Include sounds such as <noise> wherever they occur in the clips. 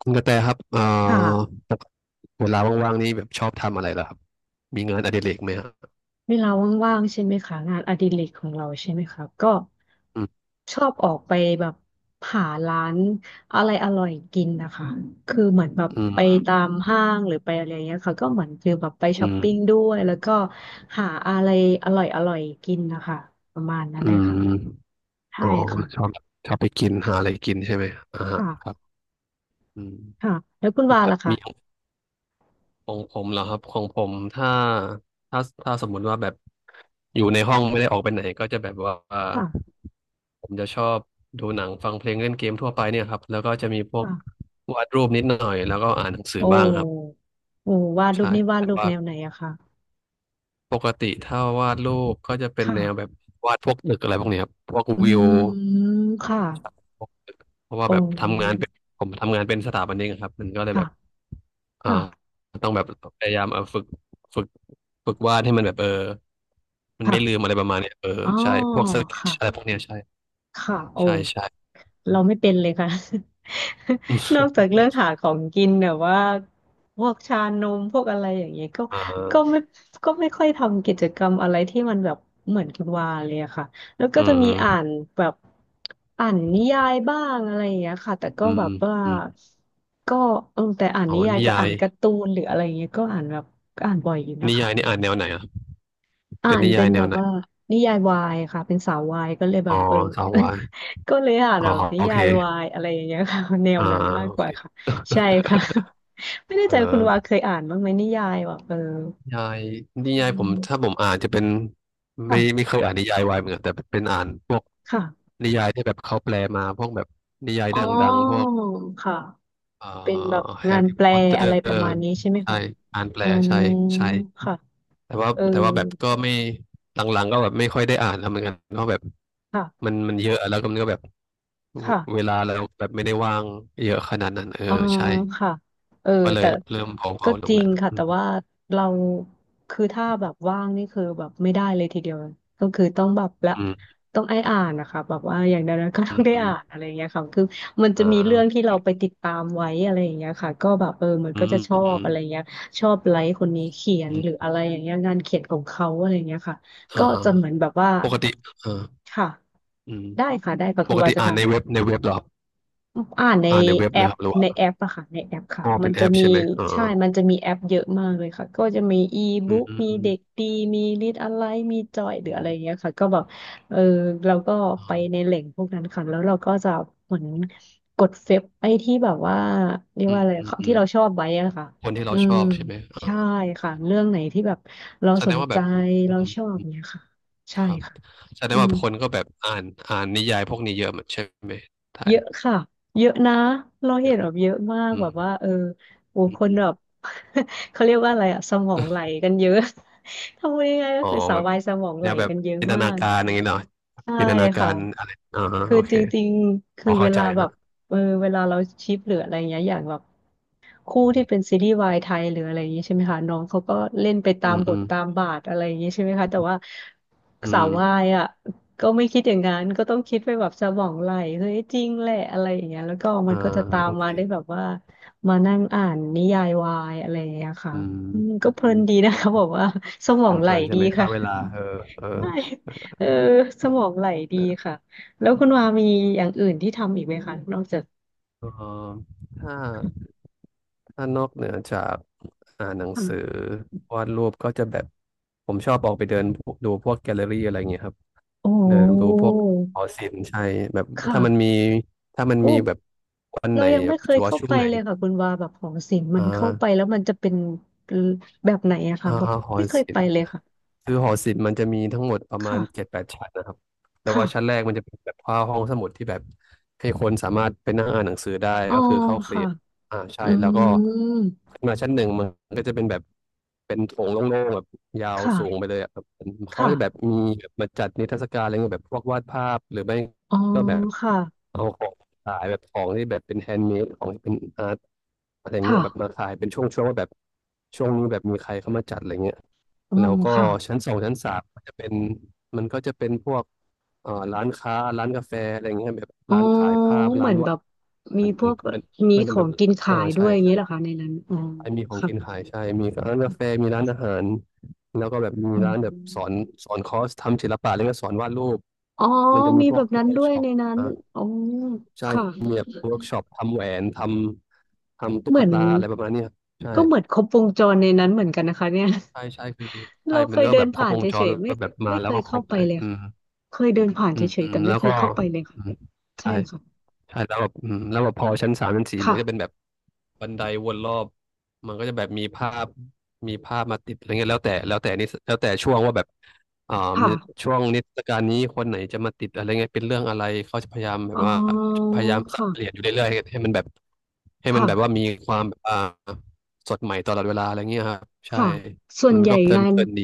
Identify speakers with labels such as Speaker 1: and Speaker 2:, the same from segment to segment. Speaker 1: คุณกระแตครับ
Speaker 2: ค่ะ
Speaker 1: ปกติเวลาว่างๆนี่แบบชอบทำอะไรเหรอครับมีงานอดิเรกไหมฮะ
Speaker 2: เวลาว่างๆใช่ไหมคะงานอดิเรกของเราใช่ไหมคะก็
Speaker 1: อืม
Speaker 2: ชอบออกไปแบบหาร้านอะไรอร่อยกินนะคะคือเหมือนแบบ
Speaker 1: อื
Speaker 2: ไป
Speaker 1: ม
Speaker 2: ตามห้างหรือไปอะไรอย่างเงี้ยค่ะก็เหมือนคือแบบไป
Speaker 1: อื
Speaker 2: ช้อป
Speaker 1: ม
Speaker 2: ปิ้งด้วยแล้วก็หาอะไรอร่อยอร่อยกินนะคะประมาณนั้น
Speaker 1: อื
Speaker 2: เลย
Speaker 1: ม
Speaker 2: ค่ะใช่
Speaker 1: อ๋อ
Speaker 2: ค่ะ
Speaker 1: ชอบชอบไปกินหาอะไรกินใช่ไหมอ่าฮะครับ
Speaker 2: ค่ะ
Speaker 1: อืม
Speaker 2: ค่ะแล้วคุณวา
Speaker 1: แบบ
Speaker 2: ล่ะคะ
Speaker 1: มีของผมเหรอครับของผมถ้าถ้าสมมุติว่าแบบอยู่ในห้องไม่ได้ออกไปไหนก็จะแบบว่า
Speaker 2: ค่ะ
Speaker 1: ผมจะชอบดูหนังฟังเพลงเล่นเกมทั่วไปเนี่ยครับแล้วก็จะมีพวก
Speaker 2: ค่ะ
Speaker 1: วาดรูปนิดหน่อยแล้วก็อ่านหนังสื
Speaker 2: โอ
Speaker 1: อบ้างครับ
Speaker 2: ้โอ้วาดรู
Speaker 1: ใช่
Speaker 2: ปนี่วาด
Speaker 1: แต่
Speaker 2: รูป
Speaker 1: ว่า
Speaker 2: แนวไหนอะคะ
Speaker 1: ปกติถ้าวาดรูปก็จะเป็นแนวแบ
Speaker 2: ค่ะ
Speaker 1: บวาดพวกตึกอะไรพวกเนี้ยครับพวก
Speaker 2: อื
Speaker 1: วิว
Speaker 2: มค่ะ
Speaker 1: พวกตึกเพราะว่า
Speaker 2: โอ้
Speaker 1: แบบทำงานเป็นผมทำงานเป็นสถาปนิกอะครับมันก็เลย
Speaker 2: ค่ะ
Speaker 1: แบบอ่า
Speaker 2: ค่ะ
Speaker 1: ต้องแบบพยายามเออฝึกฝึกวาดให้มันแบบเออมันไม่ลืม
Speaker 2: ค่ะ
Speaker 1: อะไรประมาณเนี้ยเออ
Speaker 2: อ๋อ
Speaker 1: ใช่พวกสเก็ต
Speaker 2: ค่ะ
Speaker 1: อะไรพวกเนี้ยใช่
Speaker 2: ค่ะโอ้
Speaker 1: ใช่ <laughs> อื
Speaker 2: เรา
Speaker 1: ม
Speaker 2: ไม่เป็นเลยค่ะ <laughs> นอกจากเรื่องหาของกินแบบว่าพวกชานมพวกอะไรอย่างเงี้ยก็
Speaker 1: อ่
Speaker 2: ก็
Speaker 1: า
Speaker 2: ไม่ก็ไม่ค่อยทำกิจกรรมอะไรที่มันแบบเหมือนคุณวาเลยอะค่ะแล้วก็
Speaker 1: อื
Speaker 2: จะมีอ่าน
Speaker 1: ม
Speaker 2: แบบอ่านนิยายบ้างอะไรอย่างเงี้ยค่ะแต่ก็
Speaker 1: อืม
Speaker 2: แบบว่า
Speaker 1: อืม
Speaker 2: ก็เออแต่อ่าน
Speaker 1: อ๋อ
Speaker 2: นิยาย
Speaker 1: นิ
Speaker 2: กับ
Speaker 1: ยา
Speaker 2: อ่า
Speaker 1: ย
Speaker 2: นการ์ตูนหรืออะไรอย่างเงี้ยก็อ่านแบบก็อ่านบ่อยอยู่นะ
Speaker 1: นิ
Speaker 2: คะ
Speaker 1: ยายนี่อ่านแนวไหนอ่ะ
Speaker 2: อ่า
Speaker 1: เป็น
Speaker 2: น
Speaker 1: นิ
Speaker 2: เป็
Speaker 1: ยาย
Speaker 2: น
Speaker 1: แน
Speaker 2: แบ
Speaker 1: ว
Speaker 2: บ
Speaker 1: ไหน
Speaker 2: ว่านิยายวายค่ะเป็นสาววายก็เลยแบ
Speaker 1: อ๋อ
Speaker 2: บเออ
Speaker 1: สาววาย
Speaker 2: <laughs> ก็เลยอ่าน
Speaker 1: อ๋อ
Speaker 2: แบบนิ
Speaker 1: โอ
Speaker 2: ยา
Speaker 1: เค
Speaker 2: ยวายอะไรอย่างเงี้ยค่ะ <laughs> แนว
Speaker 1: อ่า
Speaker 2: นั้นมาก
Speaker 1: โอ
Speaker 2: ก
Speaker 1: เค
Speaker 2: ว่าค่ะใช่ค่ะ <laughs> ไม่
Speaker 1: <laughs>
Speaker 2: แน่
Speaker 1: เอ่อ
Speaker 2: ใจว่าคุณวาเคยอ่านบ้างไหมนิยายแบบเออ
Speaker 1: นิยายนิ
Speaker 2: อื
Speaker 1: ยายผม
Speaker 2: ม
Speaker 1: ถ้าผมอ่านจะเป็นไม่
Speaker 2: ค่ะ
Speaker 1: เคยอ่านนิยายวายเหมือนกันแต่เป็นอ่านพวก
Speaker 2: ค่ะ
Speaker 1: นิยายที่แบบเขาแปลมาพวกแบบนิยาย
Speaker 2: อ๋อ
Speaker 1: ดังๆพวก
Speaker 2: ค่ะ
Speaker 1: เอ่อ
Speaker 2: เป็นแบบ
Speaker 1: แฮ
Speaker 2: งา
Speaker 1: ร์
Speaker 2: น
Speaker 1: รี่
Speaker 2: แป
Speaker 1: พ
Speaker 2: ล
Speaker 1: อตเตอ
Speaker 2: อะไรประมา
Speaker 1: ร์
Speaker 2: ณนี้ใช่ไหม
Speaker 1: ใช่
Speaker 2: คะ
Speaker 1: อ่านแปล
Speaker 2: อืม
Speaker 1: ใช่ใช่
Speaker 2: ค่ะ
Speaker 1: แต่ว่า
Speaker 2: เออ
Speaker 1: แต่ว่าแบบก็ไม่หลังๆก็แบบไม่ค่อยได้อ่านแล้วเหมือนกันเพราะแบบ
Speaker 2: ค่ะ
Speaker 1: มันเยอะแล้วก็มันก็แบบเว
Speaker 2: ค่ะ
Speaker 1: ลาเราแบบไม่ได้ว่างเยอะขนาดนั้นเออ
Speaker 2: อ๋อ
Speaker 1: ใช่
Speaker 2: ค่ะเออ
Speaker 1: ก็เลย
Speaker 2: แต่
Speaker 1: แบบเริ่มเ
Speaker 2: ก็
Speaker 1: ผาๆล
Speaker 2: จ
Speaker 1: ง
Speaker 2: ริ
Speaker 1: แหละ
Speaker 2: งค่ะแต่ว่าเราคือถ้าแบบว่างนี่คือแบบไม่ได้เลยทีเดียวก็คือต้องแบบละ
Speaker 1: อืม
Speaker 2: ต้องไอ้อ่านนะคะแบบว่าอย่างนั้นก็ต้
Speaker 1: อื
Speaker 2: อง
Speaker 1: ม
Speaker 2: ได้
Speaker 1: อืม
Speaker 2: อ่านอะไรอย่างเงี้ยค่ะคือมันจะ
Speaker 1: อ่
Speaker 2: มีเรื่อง
Speaker 1: า
Speaker 2: ที่เราไปติดตามไว้อะไรอย่างเงี้ยค่ะก็แบบเออมัน
Speaker 1: อื
Speaker 2: ก็
Speaker 1: ม
Speaker 2: จะชอ
Speaker 1: อื
Speaker 2: บ
Speaker 1: ม
Speaker 2: อะไรอย่างเงี้ยชอบไลค์คนนี้เขียน
Speaker 1: อื
Speaker 2: ห
Speaker 1: ม
Speaker 2: รืออะไรอย่างเงี้ยงานเขียนของเขาอะไรอย่างเงี้ยค่ะ
Speaker 1: อ่า
Speaker 2: ก็
Speaker 1: อ่า
Speaker 2: จะเหมือนแบบว่า
Speaker 1: ปกติอ่า
Speaker 2: ค่ะ
Speaker 1: อืม
Speaker 2: ได้ค่ะได้ค่ะ
Speaker 1: ป
Speaker 2: คุณ
Speaker 1: ก
Speaker 2: วา
Speaker 1: ติ
Speaker 2: จะ
Speaker 1: อ่านในเว็บ
Speaker 2: ทำ
Speaker 1: ในเว็บเหรอครับ
Speaker 2: อ่านใน
Speaker 1: อ่านในเว็บ
Speaker 2: แอ
Speaker 1: เลย
Speaker 2: ป
Speaker 1: ครับหรือว่า
Speaker 2: ในแอปอะค่ะในแอปค่ะ
Speaker 1: อ๋อ
Speaker 2: มั
Speaker 1: เป็
Speaker 2: น
Speaker 1: นแอ
Speaker 2: จะ
Speaker 1: ป
Speaker 2: มี
Speaker 1: ใช่ไหมอ่า
Speaker 2: ใช่มันจะมีแอปเยอะมากเลยค่ะก็จะมีอี
Speaker 1: อื
Speaker 2: บุ๊
Speaker 1: ม
Speaker 2: ก
Speaker 1: อืม
Speaker 2: มี
Speaker 1: อืม
Speaker 2: เด็กดีมีลิดอะไรมีจอยหรื
Speaker 1: อื
Speaker 2: ออะไรเงี้
Speaker 1: ม
Speaker 2: ยค่ะก็แบบเออเราก็ไปใน
Speaker 1: อ่า
Speaker 2: แหล่งพวกนั้นค่ะแล้วเราก็จะเหมือนกดเฟซไอ้ที่แบบว่าเรียก
Speaker 1: อื
Speaker 2: ว่า
Speaker 1: ม
Speaker 2: อะไร
Speaker 1: อืมอื
Speaker 2: ที่
Speaker 1: ม
Speaker 2: เราชอบไว้อะค่ะ
Speaker 1: คนที่
Speaker 2: อื
Speaker 1: เราช
Speaker 2: ม
Speaker 1: อบใช่ไหมอ่า
Speaker 2: ใช่ค่ะเรื่องไหนที่แบบเรา
Speaker 1: แส
Speaker 2: ส
Speaker 1: ดง
Speaker 2: น
Speaker 1: ว่า
Speaker 2: ใจ
Speaker 1: แบบอื
Speaker 2: เรา
Speaker 1: ม
Speaker 2: ชอบเนี้ยค่ะ
Speaker 1: ค
Speaker 2: ใช่
Speaker 1: รับ
Speaker 2: ค่ะ
Speaker 1: แสด
Speaker 2: อื
Speaker 1: งว่า
Speaker 2: ม
Speaker 1: คนก็แบบอ่านนิยายพวกนี้เยอะเหมือนใช่ไหมถ่า
Speaker 2: เย
Speaker 1: ย
Speaker 2: อะค่ะเยอะนะเรา
Speaker 1: เย
Speaker 2: เห็น
Speaker 1: อะ
Speaker 2: แบบเยอะมาก
Speaker 1: อื
Speaker 2: แบ
Speaker 1: ม
Speaker 2: บว่าเออโอ้
Speaker 1: อื
Speaker 2: ค
Speaker 1: ม
Speaker 2: น
Speaker 1: อื
Speaker 2: แบบ
Speaker 1: ม
Speaker 2: <laughs> เขาเรียกว่าอะไรอะสมองไหลกันเยอะ <laughs> ทำยังไงก็
Speaker 1: อ๋อ
Speaker 2: คือสาว
Speaker 1: แบบ
Speaker 2: วายสมองไห
Speaker 1: แน
Speaker 2: ล
Speaker 1: วแบบ
Speaker 2: กันเยอะ
Speaker 1: จินต
Speaker 2: มา
Speaker 1: นา
Speaker 2: ก
Speaker 1: การอย่างนี้เนาะ
Speaker 2: ใช่
Speaker 1: จินตนากา
Speaker 2: ค่ะ
Speaker 1: รอะไรอ่า
Speaker 2: คือ
Speaker 1: โอเค
Speaker 2: จริงๆ
Speaker 1: พ
Speaker 2: คือ
Speaker 1: อ
Speaker 2: เว
Speaker 1: เข้าใจ
Speaker 2: ลาแบ
Speaker 1: ฮะ
Speaker 2: บเออเวลาเราชิปหรืออะไรเงี้ยอย่างแบบ คู่ที่เป็นซีรีส์วายไทยหรืออะไรอย่างนี้ใช่ไหมคะน้องเขาก็เล่นไป
Speaker 1: อื
Speaker 2: ตาม
Speaker 1: ม
Speaker 2: บ
Speaker 1: อื
Speaker 2: ท
Speaker 1: ม
Speaker 2: ตามบาทอะไรอย่างนี้ใช่ไหมคะแต่ว่า
Speaker 1: อื
Speaker 2: สาว
Speaker 1: ม
Speaker 2: วายอ่ะก็ไม่คิดอย่างนั้นก็ต้องคิดไปแบบสมองไหลเฮ้ยจริงแหละอะไรอย่างเงี้ยแล้วก็มั
Speaker 1: อ่า
Speaker 2: นก็จะตา
Speaker 1: โอ
Speaker 2: ม
Speaker 1: เค
Speaker 2: มาได้แบบว่ามานั่งอ่านนิยายวายอะไรอย่างเงี้ยค่ะ
Speaker 1: อืม
Speaker 2: อืม
Speaker 1: อื
Speaker 2: ก็
Speaker 1: ม
Speaker 2: เพลินดีนะ
Speaker 1: อื
Speaker 2: คะบอ
Speaker 1: ม
Speaker 2: กว่าสม
Speaker 1: เ
Speaker 2: องไห
Speaker 1: พ
Speaker 2: ล
Speaker 1: ลินๆใช่
Speaker 2: ดี
Speaker 1: ไหมค่า
Speaker 2: ค่ะ
Speaker 1: เวลาเออเออ
Speaker 2: ใช่เออสมองไหลดีค่ะแล้วคุณวามีอย่างอื่นที่ทำอีกไหมคะนอกจาก
Speaker 1: เออถ้า
Speaker 2: <laughs>
Speaker 1: ถ้านอกเหนือจากอ่านหนังสือ
Speaker 2: ค่ะ
Speaker 1: วาดรูปก็จะแบบ ผมชอบออกไปเดินดูพวกแกลเลอรี่อะไรเงี้ยครับ
Speaker 2: โอ้
Speaker 1: เดินดูพวกหอศิลป์ใช่แบบถ้ามัน
Speaker 2: ค่ะ
Speaker 1: มี ถ้ามัน
Speaker 2: โอ้
Speaker 1: มีแบบวันไห
Speaker 2: เรา
Speaker 1: น
Speaker 2: ยัง
Speaker 1: แบ
Speaker 2: ไม่
Speaker 1: บ
Speaker 2: เค
Speaker 1: เฉ
Speaker 2: ย
Speaker 1: พาะ
Speaker 2: เข้า
Speaker 1: ช่ว
Speaker 2: ไป
Speaker 1: งไหน
Speaker 2: เลยค่ะคุณวาแบบหอศิลป์มัน
Speaker 1: อ่า
Speaker 2: เข้าไปแล้วมันจะเป็นแบบไหนอะค่ะ
Speaker 1: อ่า
Speaker 2: แบบ
Speaker 1: หอ
Speaker 2: ไม่เคย
Speaker 1: ศิ
Speaker 2: ไป
Speaker 1: ลป์
Speaker 2: เลยค่ะ
Speaker 1: คือหอศิลป์มันจะมีทั้งหมดประมาณเจ็ด
Speaker 2: ค่ะ
Speaker 1: แปดชั้นนะครับแต่ว่าชั้นแร
Speaker 2: ค่ะ
Speaker 1: กมันจะเป็นแบบว่าห้องสมุดที่แบบให้คนสามารถไปนั่งอ่านหนังสือได้
Speaker 2: อ๋อ
Speaker 1: ก็คือเข้าฟรี
Speaker 2: ค่ะ
Speaker 1: อ่าใช่
Speaker 2: อื
Speaker 1: แล้วก็
Speaker 2: ม
Speaker 1: ขึ้นมาชั้นหนึ่งมันก็จะเป็นแบบเป็นโถงโล่งๆแบบยาวสูงไป
Speaker 2: ค่ะ
Speaker 1: เลยอะครับ
Speaker 2: ค
Speaker 1: เขาก็จะแบบ
Speaker 2: ่ะ
Speaker 1: มีแบบมาจัดนิทรรศการอะไรเงี้ยแบบพวกวาดภาพหรือไม่
Speaker 2: อ๋อ
Speaker 1: ก็แบบ
Speaker 2: ค่ะ
Speaker 1: เอาของ ขายแบบของที่แบบเป็นแฮนด์เมดของที่เป็นอาร์ตอะไรเงี้
Speaker 2: ค่ะ
Speaker 1: ยแบบมาขายเป็นช่วงๆว่าแบบช่วงนี้แบบมีใครเข้ามาจัดอะไรเงี้ย
Speaker 2: อ๋อ
Speaker 1: แล้วก็
Speaker 2: ค่ะ
Speaker 1: ชั้นสองชั้นสามมันจะเป็นมันก็จะเป็นพวกร้านค้าร้านกาแฟอะไรเงี้ยแบบ
Speaker 2: อ๋อ
Speaker 1: ร้านขายภาพ
Speaker 2: เห
Speaker 1: ร้า
Speaker 2: มื
Speaker 1: น
Speaker 2: อนแบ
Speaker 1: วะ
Speaker 2: บมี
Speaker 1: มัน
Speaker 2: พ
Speaker 1: มั
Speaker 2: ว
Speaker 1: น
Speaker 2: ก
Speaker 1: มัน
Speaker 2: มี
Speaker 1: มัน
Speaker 2: ข
Speaker 1: เป็น
Speaker 2: อ
Speaker 1: แบ
Speaker 2: ง
Speaker 1: บ
Speaker 2: กิน
Speaker 1: เออ
Speaker 2: ขายด้
Speaker 1: ใช่
Speaker 2: วยอย่างนี้เหรอ
Speaker 1: ใช่
Speaker 2: คะในนั้นอ๋อ
Speaker 1: ใช่มีของ
Speaker 2: ค่ะ
Speaker 1: กินขายใช่มีร้านกาแฟมีร้านอาหารแล้วก็แบบมี
Speaker 2: อื
Speaker 1: ร้านแบบสอน
Speaker 2: ม
Speaker 1: สอนคอร์สทำศิลปะแล้วก็สอนวาดรูป
Speaker 2: อ๋อ
Speaker 1: มันจะมี
Speaker 2: มี
Speaker 1: พ
Speaker 2: แบ
Speaker 1: วก
Speaker 2: บนั้น
Speaker 1: เวิร์
Speaker 2: ด้
Speaker 1: ก
Speaker 2: วย
Speaker 1: ช็อป
Speaker 2: ในนั้นอ๋อ
Speaker 1: ใช่
Speaker 2: ค่ะ
Speaker 1: มีแบบเวิร์กช็อปทำแหวนทำตุ๊
Speaker 2: เห
Speaker 1: ก
Speaker 2: มือน
Speaker 1: ตาอะไรประมาณเนี้ยครับใช่
Speaker 2: ก็เหมือนครบวงจรในนั้นเหมือนกันนะคะเนี่ย
Speaker 1: ใช่ใช่คือ
Speaker 2: <laughs> เรา
Speaker 1: ใช่
Speaker 2: เค
Speaker 1: มัน
Speaker 2: ย
Speaker 1: ก็
Speaker 2: เดิ
Speaker 1: แบ
Speaker 2: น
Speaker 1: บครบ
Speaker 2: ผ่าน
Speaker 1: ว
Speaker 2: เฉ
Speaker 1: งจร
Speaker 2: ย
Speaker 1: แล้
Speaker 2: ๆไม่
Speaker 1: วแบบมา
Speaker 2: ไม่เค
Speaker 1: แล้ว
Speaker 2: ย
Speaker 1: ก็คร
Speaker 2: เข้า
Speaker 1: บ
Speaker 2: ไป
Speaker 1: เลย
Speaker 2: เลย
Speaker 1: อืม
Speaker 2: ค่ะเคยเดินผ่าน
Speaker 1: อื
Speaker 2: เฉ
Speaker 1: ม
Speaker 2: ยๆแต่ไม่
Speaker 1: แล้ว
Speaker 2: เคย
Speaker 1: ก็
Speaker 2: เข้าไปเลยค่ะ
Speaker 1: อืม
Speaker 2: ใช่
Speaker 1: ใช่
Speaker 2: ค่ะ
Speaker 1: ใช่ แล้วแบบอืมแล้วแบบพอชั้นสามชั้นสี่มัน
Speaker 2: ค่ะ
Speaker 1: ก็จะเป็นแบบ บันไดวนรอบมันก็จะแบบมีภาพมีภาพมาติดอะไรเงี้ยแล้วแต่ช่วงว่าแบบอ่า
Speaker 2: ค่ะ
Speaker 1: มีช่วงนิทรรศการนี้คนไหนจะมาติดอะไรเงี้ยเป็นเรื่องอะไรเขาจะพยายามแบ
Speaker 2: อ๋
Speaker 1: บว่า
Speaker 2: อ
Speaker 1: พยายามสับเปลี่ยนอ
Speaker 2: ค่ะ
Speaker 1: ยู่เรื่อยๆให้มันแบบให้มัน
Speaker 2: ค่ะ
Speaker 1: แบบว่ามีความแบบอ่าสดใหม่ตลอดเวลาอะไรเงี้ยครับใช่
Speaker 2: ค่ะส่วน
Speaker 1: มัน
Speaker 2: ใหญ่
Speaker 1: ก็เพลิ
Speaker 2: งา
Speaker 1: นเพ
Speaker 2: น
Speaker 1: ลินดี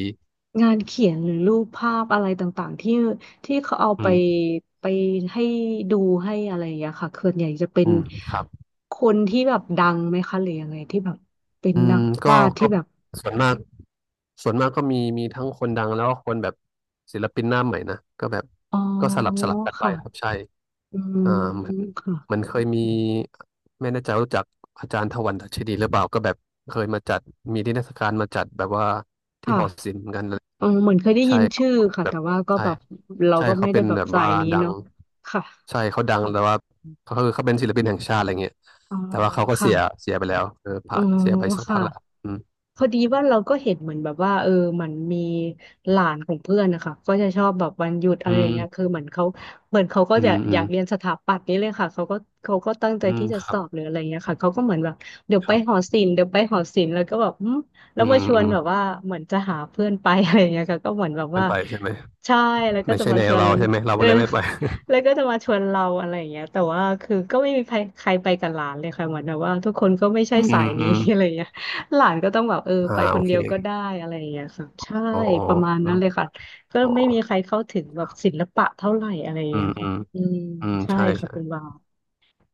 Speaker 2: งานเขียนหรือรูปภาพอะไรต่างๆที่ที่เขาเอา
Speaker 1: อื
Speaker 2: ไป
Speaker 1: ม
Speaker 2: ไปให้ดูให้อะไรอย่างเงี้ยค่ะส่วนใหญ่จะเป็น
Speaker 1: อืมครับ
Speaker 2: คนที่แบบดังไหมคะหรือยังไงที่แบบเป็น
Speaker 1: อื
Speaker 2: นั
Speaker 1: ม
Speaker 2: ก
Speaker 1: ก็
Speaker 2: วาดที่
Speaker 1: ก็
Speaker 2: แบบ
Speaker 1: ส่วนมากก็มีทั้งคนดังแล้วก็คนแบบศิลปินหน้าใหม่นะก็แบบ
Speaker 2: อ๋อ
Speaker 1: ก็สลับกันไป
Speaker 2: ค่ะ
Speaker 1: ครับใช่
Speaker 2: อืม
Speaker 1: อ่ามัน
Speaker 2: ค่ะ
Speaker 1: มันเคยมีไม่แน่ใจว่ารู้จักอาจารย์ถวันดัชนีหรือเปล่าก็แบบเคยมาจัดมีนิทรรศการมาจัดแบบว่าที่
Speaker 2: ค่ะ
Speaker 1: หอศิลป์เหมือนกันเลย
Speaker 2: เออเหมือนเคยได้
Speaker 1: ใช่
Speaker 2: ยิน
Speaker 1: ครั
Speaker 2: ชื่
Speaker 1: บ
Speaker 2: อค่ะ
Speaker 1: แบบ
Speaker 2: แต่ว่าก็
Speaker 1: ใช่
Speaker 2: แบบเรา
Speaker 1: ใช่
Speaker 2: ก็ไม่
Speaker 1: เขา
Speaker 2: ได้
Speaker 1: เป็น
Speaker 2: แบบ
Speaker 1: แบบ
Speaker 2: สา
Speaker 1: ว่า
Speaker 2: ยนี้
Speaker 1: ดัง
Speaker 2: เนาะค่ะ
Speaker 1: ใช่เขาดังแต่ว่าเขาคือเขาเป็นศิลปินแห่งชาติอะไรเงี้ย
Speaker 2: อ๋อ
Speaker 1: แต่ว่าเขาก็
Speaker 2: ค่ะ
Speaker 1: เสียไปแล้วเออ
Speaker 2: อ๋
Speaker 1: ผ่า
Speaker 2: อ
Speaker 1: นเสียไปสัก
Speaker 2: ค่ะ
Speaker 1: พักแล้ว
Speaker 2: พอดีว่าเราก็เห็นเหมือนแบบว่ามันมีหลานของเพื่อนนะคะก็จะชอบแบบวันหยุด
Speaker 1: อื
Speaker 2: อะไรอย่างเงี้ยคื
Speaker 1: ม
Speaker 2: อเหมือนเขาก็
Speaker 1: อื
Speaker 2: จะ
Speaker 1: มอื
Speaker 2: อยา
Speaker 1: ม
Speaker 2: กเรียนสถาปัตย์นี่เลยค่ะเขาก็ตั้งใจ
Speaker 1: อืม
Speaker 2: ที่จะ
Speaker 1: ครั
Speaker 2: ส
Speaker 1: บ
Speaker 2: อบหรืออะไรเงี้ยค่ะเขาก็เหมือนแบบเดี๋ยว
Speaker 1: ค
Speaker 2: ไป
Speaker 1: รั
Speaker 2: หอ
Speaker 1: บ
Speaker 2: ศิลป์เดี๋ยวไปหอศิลป์แล้วก็แบบแล้
Speaker 1: อื
Speaker 2: วมา
Speaker 1: ม
Speaker 2: ชว
Speaker 1: อื
Speaker 2: น
Speaker 1: ม
Speaker 2: แบบว่าเหมือนจะหาเพื่อนไป <laughs> อะไรเงี้ยค่ะก็เหมือนแบบ
Speaker 1: เป็
Speaker 2: ว่า
Speaker 1: นไปใช่ไหม
Speaker 2: ใช่แล้วก็
Speaker 1: ไม่
Speaker 2: จะ
Speaker 1: ใช่
Speaker 2: มา
Speaker 1: แน
Speaker 2: ช
Speaker 1: ว
Speaker 2: วน
Speaker 1: เราใช่ไหมเรา
Speaker 2: เอ
Speaker 1: ก็
Speaker 2: อ
Speaker 1: เลยไม่ไป
Speaker 2: <laughs> แล้วก็จะมาชวนเราอะไรอย่างเงี้ยแต่ว่าคือก็ไม่มีใครใครไปกับหลานเลยค่ะเหมือนแบบว่าทุกคนก็ไม่
Speaker 1: <laughs>
Speaker 2: ใช่
Speaker 1: อื
Speaker 2: สา
Speaker 1: ม
Speaker 2: ย
Speaker 1: อื
Speaker 2: นี้ <laughs>
Speaker 1: ม
Speaker 2: อะไรเงี้ย หลานก็ต้องแบบไปค
Speaker 1: โอ
Speaker 2: น
Speaker 1: เค
Speaker 2: เดียวก็ได้อะไรอย่างเงี้ยค่ะใช่
Speaker 1: อ๋ออ๋อ
Speaker 2: ประมาณ
Speaker 1: ค
Speaker 2: นั้นเลยค่ะก็
Speaker 1: อ๋อ
Speaker 2: ไม่มีใครเข้าถึงแบบศิลปะเท่าไหร่อะไรอย่าง
Speaker 1: อื
Speaker 2: เงี้
Speaker 1: ม
Speaker 2: ย
Speaker 1: อื
Speaker 2: ค่ะ
Speaker 1: ม
Speaker 2: อืม
Speaker 1: อืม
Speaker 2: ใช่
Speaker 1: ใช่
Speaker 2: ค่ะ
Speaker 1: ใช่
Speaker 2: คุณบาว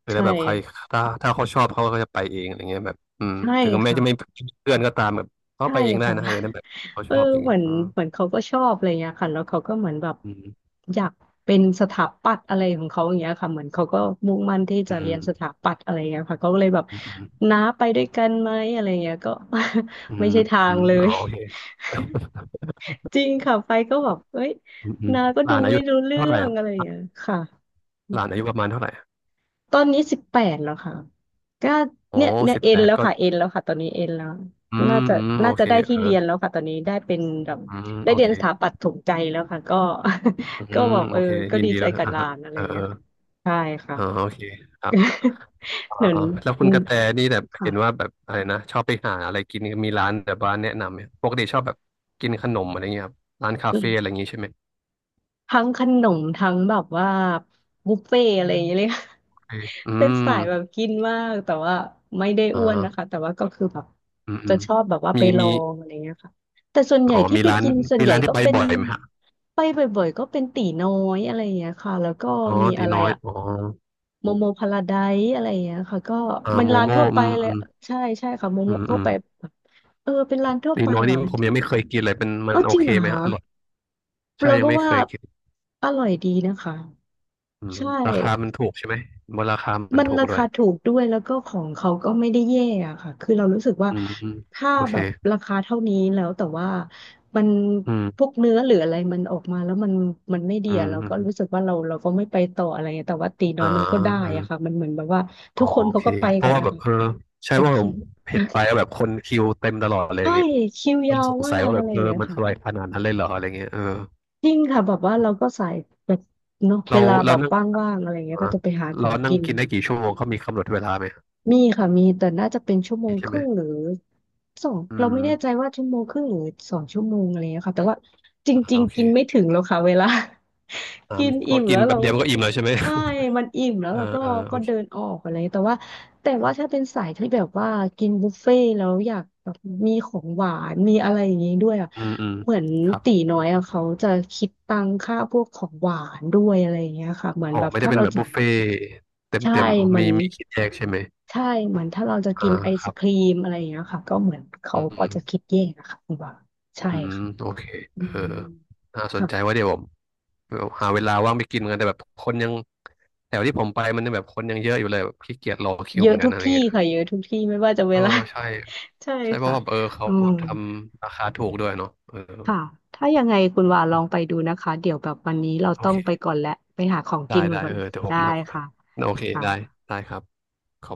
Speaker 1: คือ
Speaker 2: ใช่
Speaker 1: ถ้าแบบใครถ้าเขาชอบเขาก็จะไปเองอะไรเงี้ยแบบอืม
Speaker 2: ใช่
Speaker 1: ถึงแม้จะไม่ม
Speaker 2: ค่ะ
Speaker 1: ีเพื่อนก็ตามแบบเขา
Speaker 2: ใช่
Speaker 1: ไปเองได้
Speaker 2: ค่ะ
Speaker 1: นะเออนั่นแบ
Speaker 2: <laughs>
Speaker 1: บเขา
Speaker 2: เอ
Speaker 1: ช
Speaker 2: อ
Speaker 1: อบจริง
Speaker 2: เหมือน
Speaker 1: อืม
Speaker 2: เขาก็ชอบอะไรเงี้ยค่ะแล้วเขาก็เหมือนแบบ
Speaker 1: อ
Speaker 2: อยากเป็นสถาปัตย์อะไรของเขาอย่างเงี้ยค่ะเหมือนเขาก็มุ่งมั่นที่
Speaker 1: ื
Speaker 2: จะเรียน
Speaker 1: ม
Speaker 2: สถาปัตย์อะไรเงี้ยค่ะเขาก็เลยแบบ
Speaker 1: อืม
Speaker 2: น้าไปด้วยกันไหมอะไรเงี้ยก็
Speaker 1: อื
Speaker 2: <laughs> ไม่
Speaker 1: ม
Speaker 2: ใช่ทา
Speaker 1: อื
Speaker 2: ง
Speaker 1: ม
Speaker 2: เล
Speaker 1: อืมอ๋อ
Speaker 2: ย
Speaker 1: โอเค
Speaker 2: จริงค่ะไปก็แบบเอ้ย
Speaker 1: อืมอืม
Speaker 2: นาก็
Speaker 1: ห
Speaker 2: ดู
Speaker 1: ลานอา
Speaker 2: ไม่
Speaker 1: ยุ
Speaker 2: รู้เรื่
Speaker 1: เท่าไห
Speaker 2: อ
Speaker 1: ร่ค
Speaker 2: ง
Speaker 1: รั
Speaker 2: อะไรอย่าง
Speaker 1: บ
Speaker 2: เงี้ยค่ะ
Speaker 1: หลานอายุประมาณเท่าไหร่
Speaker 2: ตอนนี้18แล้วค่ะก็
Speaker 1: อ๋อ
Speaker 2: เนี่ย
Speaker 1: สิบ
Speaker 2: เอ็
Speaker 1: แป
Speaker 2: น
Speaker 1: ด
Speaker 2: แล้ว
Speaker 1: ก็
Speaker 2: ค่ะตอนนี้เอ็นแล้ว
Speaker 1: อืม
Speaker 2: น่าจะ
Speaker 1: อืมโอ
Speaker 2: น่าจะ
Speaker 1: เค
Speaker 2: ได้
Speaker 1: เอ
Speaker 2: ที่
Speaker 1: อ
Speaker 2: เรียนแล้วค่ะตอนนี้ได้เป็นแบบ
Speaker 1: อืม
Speaker 2: ได้
Speaker 1: โอ
Speaker 2: เรีย
Speaker 1: เค
Speaker 2: นสถาปัตย์ถูกใจแล้วค่ะก็
Speaker 1: อื
Speaker 2: <laughs> ก็
Speaker 1: ม
Speaker 2: แบบ
Speaker 1: โอเค
Speaker 2: ก็
Speaker 1: ยิน
Speaker 2: ดี
Speaker 1: ดี
Speaker 2: ใจ
Speaker 1: ด้วย
Speaker 2: กับ
Speaker 1: อ่ะ
Speaker 2: หลา
Speaker 1: ฮะ
Speaker 2: นอะไร
Speaker 1: เออ
Speaker 2: เงี้ยค่ะใช่ค่ะ
Speaker 1: เอออ๋อโอเคครับอ๋
Speaker 2: <laughs>
Speaker 1: อ
Speaker 2: เหมือน
Speaker 1: แล้วคุ
Speaker 2: อื
Speaker 1: ณก
Speaker 2: ม
Speaker 1: ระแตนี่แบบ
Speaker 2: ค่ะ
Speaker 1: เห็นว่าแบบอะไรนะชอบไปหาอะไรกินมีร้านแบบบ้านแนะนำไหมปกติชอบแบบกินขนมอะไรเงี้ยครับร้านคาเฟ่อะไรอย่างงี้ใช่ไหม
Speaker 2: ทั้งขนมทั้งแบบว่าบุฟเฟ่อะไรอย่างเงี้ยเลย
Speaker 1: โอเคอื
Speaker 2: <laughs> เป็น
Speaker 1: ม
Speaker 2: สายแบบกินมากแต่ว่าไม่ได้
Speaker 1: อ่
Speaker 2: อ้วนนะคะ
Speaker 1: า
Speaker 2: แต่ว่าก็คือแบบ
Speaker 1: อืมอื
Speaker 2: จะ
Speaker 1: ม
Speaker 2: ชอบแบบว่า
Speaker 1: มี
Speaker 2: ไปล
Speaker 1: มี
Speaker 2: องอะไรเงี้ยค่ะแต่ส่วนใหญ่
Speaker 1: อ๋อ
Speaker 2: ที่
Speaker 1: มี
Speaker 2: ไป
Speaker 1: ร้าน
Speaker 2: กินส่วน
Speaker 1: มี
Speaker 2: ใหญ่
Speaker 1: ร้าน
Speaker 2: ก็
Speaker 1: ที่ไป
Speaker 2: เป็น
Speaker 1: บ่อยไหมฮะ
Speaker 2: ไปบ่อยๆก็เป็นตีน้อยอะไรอย่างเงี้ยค่ะแล้วก็
Speaker 1: อ๋อ
Speaker 2: มี
Speaker 1: ตี
Speaker 2: อะไร
Speaker 1: น้อย
Speaker 2: อะ
Speaker 1: อ๋อ
Speaker 2: โมโมพาราไดซ์อะไรอย่างเงี้ยค่ะก็มัน
Speaker 1: โม
Speaker 2: ร้าน
Speaker 1: โม่
Speaker 2: ทั่วไป
Speaker 1: อืม
Speaker 2: เล
Speaker 1: อื
Speaker 2: ย
Speaker 1: ม
Speaker 2: ใช่ใช่ค่ะโม
Speaker 1: อื
Speaker 2: โม
Speaker 1: ม
Speaker 2: ทั่
Speaker 1: อื
Speaker 2: ว
Speaker 1: ม
Speaker 2: ไปแบบเป็นร้านทั่ว
Speaker 1: ตี
Speaker 2: ไป
Speaker 1: น้อย
Speaker 2: เหรอ
Speaker 1: นี่ผมยังไม่เคยกินเลยเป็นมันโอ
Speaker 2: จริง
Speaker 1: เค
Speaker 2: เหรอ
Speaker 1: ไหม
Speaker 2: คะ
Speaker 1: ฮะอร่อยใช่
Speaker 2: เรา
Speaker 1: ยั
Speaker 2: ก็
Speaker 1: งไม่เค
Speaker 2: ว่า
Speaker 1: ย
Speaker 2: อร่อยดีนะคะ
Speaker 1: อืม
Speaker 2: ใช่
Speaker 1: ราคามันถูกใช่ไหมบนราคามัน
Speaker 2: มัน
Speaker 1: ถูก
Speaker 2: รา
Speaker 1: ด้ว
Speaker 2: คา
Speaker 1: ย
Speaker 2: ถูกด้วยแล้วก็ของเขาก็ไม่ได้แย่อะค่ะคือเรารู้สึกว่า
Speaker 1: อืม
Speaker 2: ถ้า
Speaker 1: โอเค
Speaker 2: แบบราคาเท่านี้แล้วแต่ว่ามัน
Speaker 1: อื
Speaker 2: พว
Speaker 1: ม
Speaker 2: กเนื้อหรืออะไรมันออกมาแล้วมันไม่ดี
Speaker 1: อืม
Speaker 2: อะเรา
Speaker 1: อ
Speaker 2: ก็
Speaker 1: ม
Speaker 2: รู้สึกว่าเราก็ไม่ไปต่ออะไรเงี้ยแต่ว่าตีน้อ
Speaker 1: อ่า
Speaker 2: ยมันก็ได้
Speaker 1: เออ
Speaker 2: อะค่ะมันเหมือนแบบว่า
Speaker 1: อ๋
Speaker 2: ทุ
Speaker 1: อ
Speaker 2: กคน
Speaker 1: โอ
Speaker 2: เขา
Speaker 1: เค
Speaker 2: ก็ไป
Speaker 1: เพ
Speaker 2: กั
Speaker 1: ราะ
Speaker 2: น
Speaker 1: ว่า
Speaker 2: นะ
Speaker 1: แบบ
Speaker 2: คะ
Speaker 1: เออใช่
Speaker 2: แต่
Speaker 1: ว่าผ
Speaker 2: คิ
Speaker 1: ม
Speaker 2: ว
Speaker 1: เห็น
Speaker 2: <laughs>
Speaker 1: ไปแล้วแบบคนคิวเต็มตลอดอะไรอ
Speaker 2: ใช่
Speaker 1: ย่างเงี้ย
Speaker 2: คิว
Speaker 1: ก็
Speaker 2: ยา
Speaker 1: เลย
Speaker 2: ว
Speaker 1: สง
Speaker 2: มา
Speaker 1: สัย
Speaker 2: ก
Speaker 1: ว่าแบ
Speaker 2: อะ
Speaker 1: บ
Speaker 2: ไรอ
Speaker 1: เอ
Speaker 2: ย่า
Speaker 1: อ
Speaker 2: งเงี้ย
Speaker 1: มันอร่อย
Speaker 2: ค่ะ
Speaker 1: ขนาดนั้นเลยเหรออะไรเงี้ยเออ
Speaker 2: จริงค่ะแบบว่าเราก็สายแบบเนาะเว
Speaker 1: เรา
Speaker 2: ลาแบ
Speaker 1: เรา
Speaker 2: บ
Speaker 1: นั่ง
Speaker 2: ว่างๆอะไรอย่างเงี้ย
Speaker 1: อ่า
Speaker 2: ก็จะไปหาขอ
Speaker 1: เรา
Speaker 2: ง
Speaker 1: นั่ง
Speaker 2: กิน
Speaker 1: กินได้กี่ชั่วโมงเขามีกำหนดเวลาไหม
Speaker 2: มีค่ะมีแต่น่าจะเป็นชั่วโม
Speaker 1: มี
Speaker 2: งค
Speaker 1: ใช่ไหม
Speaker 2: รึ่งหรือสอง
Speaker 1: อื
Speaker 2: เรา
Speaker 1: ม
Speaker 2: ไม่แน่ใจว่าชั่วโมงครึ่งหรือสองชั่วโมงอะไรอย่างเงี้ยค่ะแต่ว่าจริง
Speaker 1: โอ
Speaker 2: ๆ
Speaker 1: เค
Speaker 2: กินไม่ถึงแล้วค่ะเวลา <laughs>
Speaker 1: อ่า
Speaker 2: กิน
Speaker 1: พ
Speaker 2: อิ่
Speaker 1: อ
Speaker 2: ม
Speaker 1: กิ
Speaker 2: แล้
Speaker 1: น
Speaker 2: ว
Speaker 1: แบ
Speaker 2: เรา
Speaker 1: บเดียวมันก็อิ่มแล้วใช่ไหม
Speaker 2: ใช่มันอิ่มแล้ว
Speaker 1: เออ
Speaker 2: เราก็
Speaker 1: เออโอ
Speaker 2: ก็
Speaker 1: เค
Speaker 2: เดินออกอะไรแต่ว่าถ้าเป็นสายที่แบบว่ากินบุฟเฟ่ต์แล้วอยากแบบมีของหวานมีอะไรอย่างงี้ด้วยอ่ะ
Speaker 1: อืมอืม
Speaker 2: เหมือน
Speaker 1: ครับ
Speaker 2: ตีน้อยอ่ะเขาจะคิดตังค่าพวกของหวานด้วยอะไรอย่างเงี้ยค่ะเหมือน
Speaker 1: อ๋อ
Speaker 2: แบบ
Speaker 1: ไม่ได้
Speaker 2: ถ้า
Speaker 1: เป็น
Speaker 2: เรา
Speaker 1: แบบบุฟเฟ่เต็ม
Speaker 2: ใช่
Speaker 1: เต็ม
Speaker 2: เหมอ
Speaker 1: มี
Speaker 2: น
Speaker 1: มีคิดแยกใช่ไหม
Speaker 2: ใช่เหมือนถ้าเราจะ
Speaker 1: อ่า
Speaker 2: กินไอ
Speaker 1: ค
Speaker 2: ศ
Speaker 1: รับ
Speaker 2: ครีมอะไรอย่างเงี้ยค่ะก็เหมือนเขา
Speaker 1: อื
Speaker 2: ก็จะคิด
Speaker 1: ม
Speaker 2: แยกนะคะคุณว่าใช่
Speaker 1: อืม
Speaker 2: ค่ะ
Speaker 1: โอเค
Speaker 2: อื
Speaker 1: เออ
Speaker 2: ม
Speaker 1: น่าสน
Speaker 2: ค่ะ
Speaker 1: ใจว่าเดี๋ยวผมหาเวลาว่างไปกินกันแต่แบบคนยังแถวที่ผมไปมันแบบคนยังเยอะอยู่เลยแบบขี้เกียจรอคิว
Speaker 2: เย
Speaker 1: เห
Speaker 2: อะ
Speaker 1: มือนกั
Speaker 2: ทุ
Speaker 1: น
Speaker 2: ก
Speaker 1: อะไร
Speaker 2: ที่
Speaker 1: เงี้ย
Speaker 2: ค่ะเยอะทุกที่ไม่ว่าจะเว
Speaker 1: เออ
Speaker 2: ลา
Speaker 1: ใช่
Speaker 2: <laughs> ใช่
Speaker 1: ใช่เพราะ
Speaker 2: ค่ะ
Speaker 1: ว่าเออเขา
Speaker 2: อืม
Speaker 1: ทำราคาถูกด้วยเนาะเออ
Speaker 2: ค่ะถ้ายังไงคุณว่าลองไปดูนะคะเดี๋ยวแบบวันนี้เรา
Speaker 1: โอ
Speaker 2: ต้อง
Speaker 1: เค
Speaker 2: ไปก่อนแหละไปหาของกิ
Speaker 1: ได้
Speaker 2: น
Speaker 1: ได้
Speaker 2: ก่อ
Speaker 1: เอ
Speaker 2: น
Speaker 1: อเดี๋ยวผ
Speaker 2: ได้
Speaker 1: มมา
Speaker 2: ค่ะ
Speaker 1: โอเค
Speaker 2: ค่ะ
Speaker 1: ได้ได้ครับขอบคุณ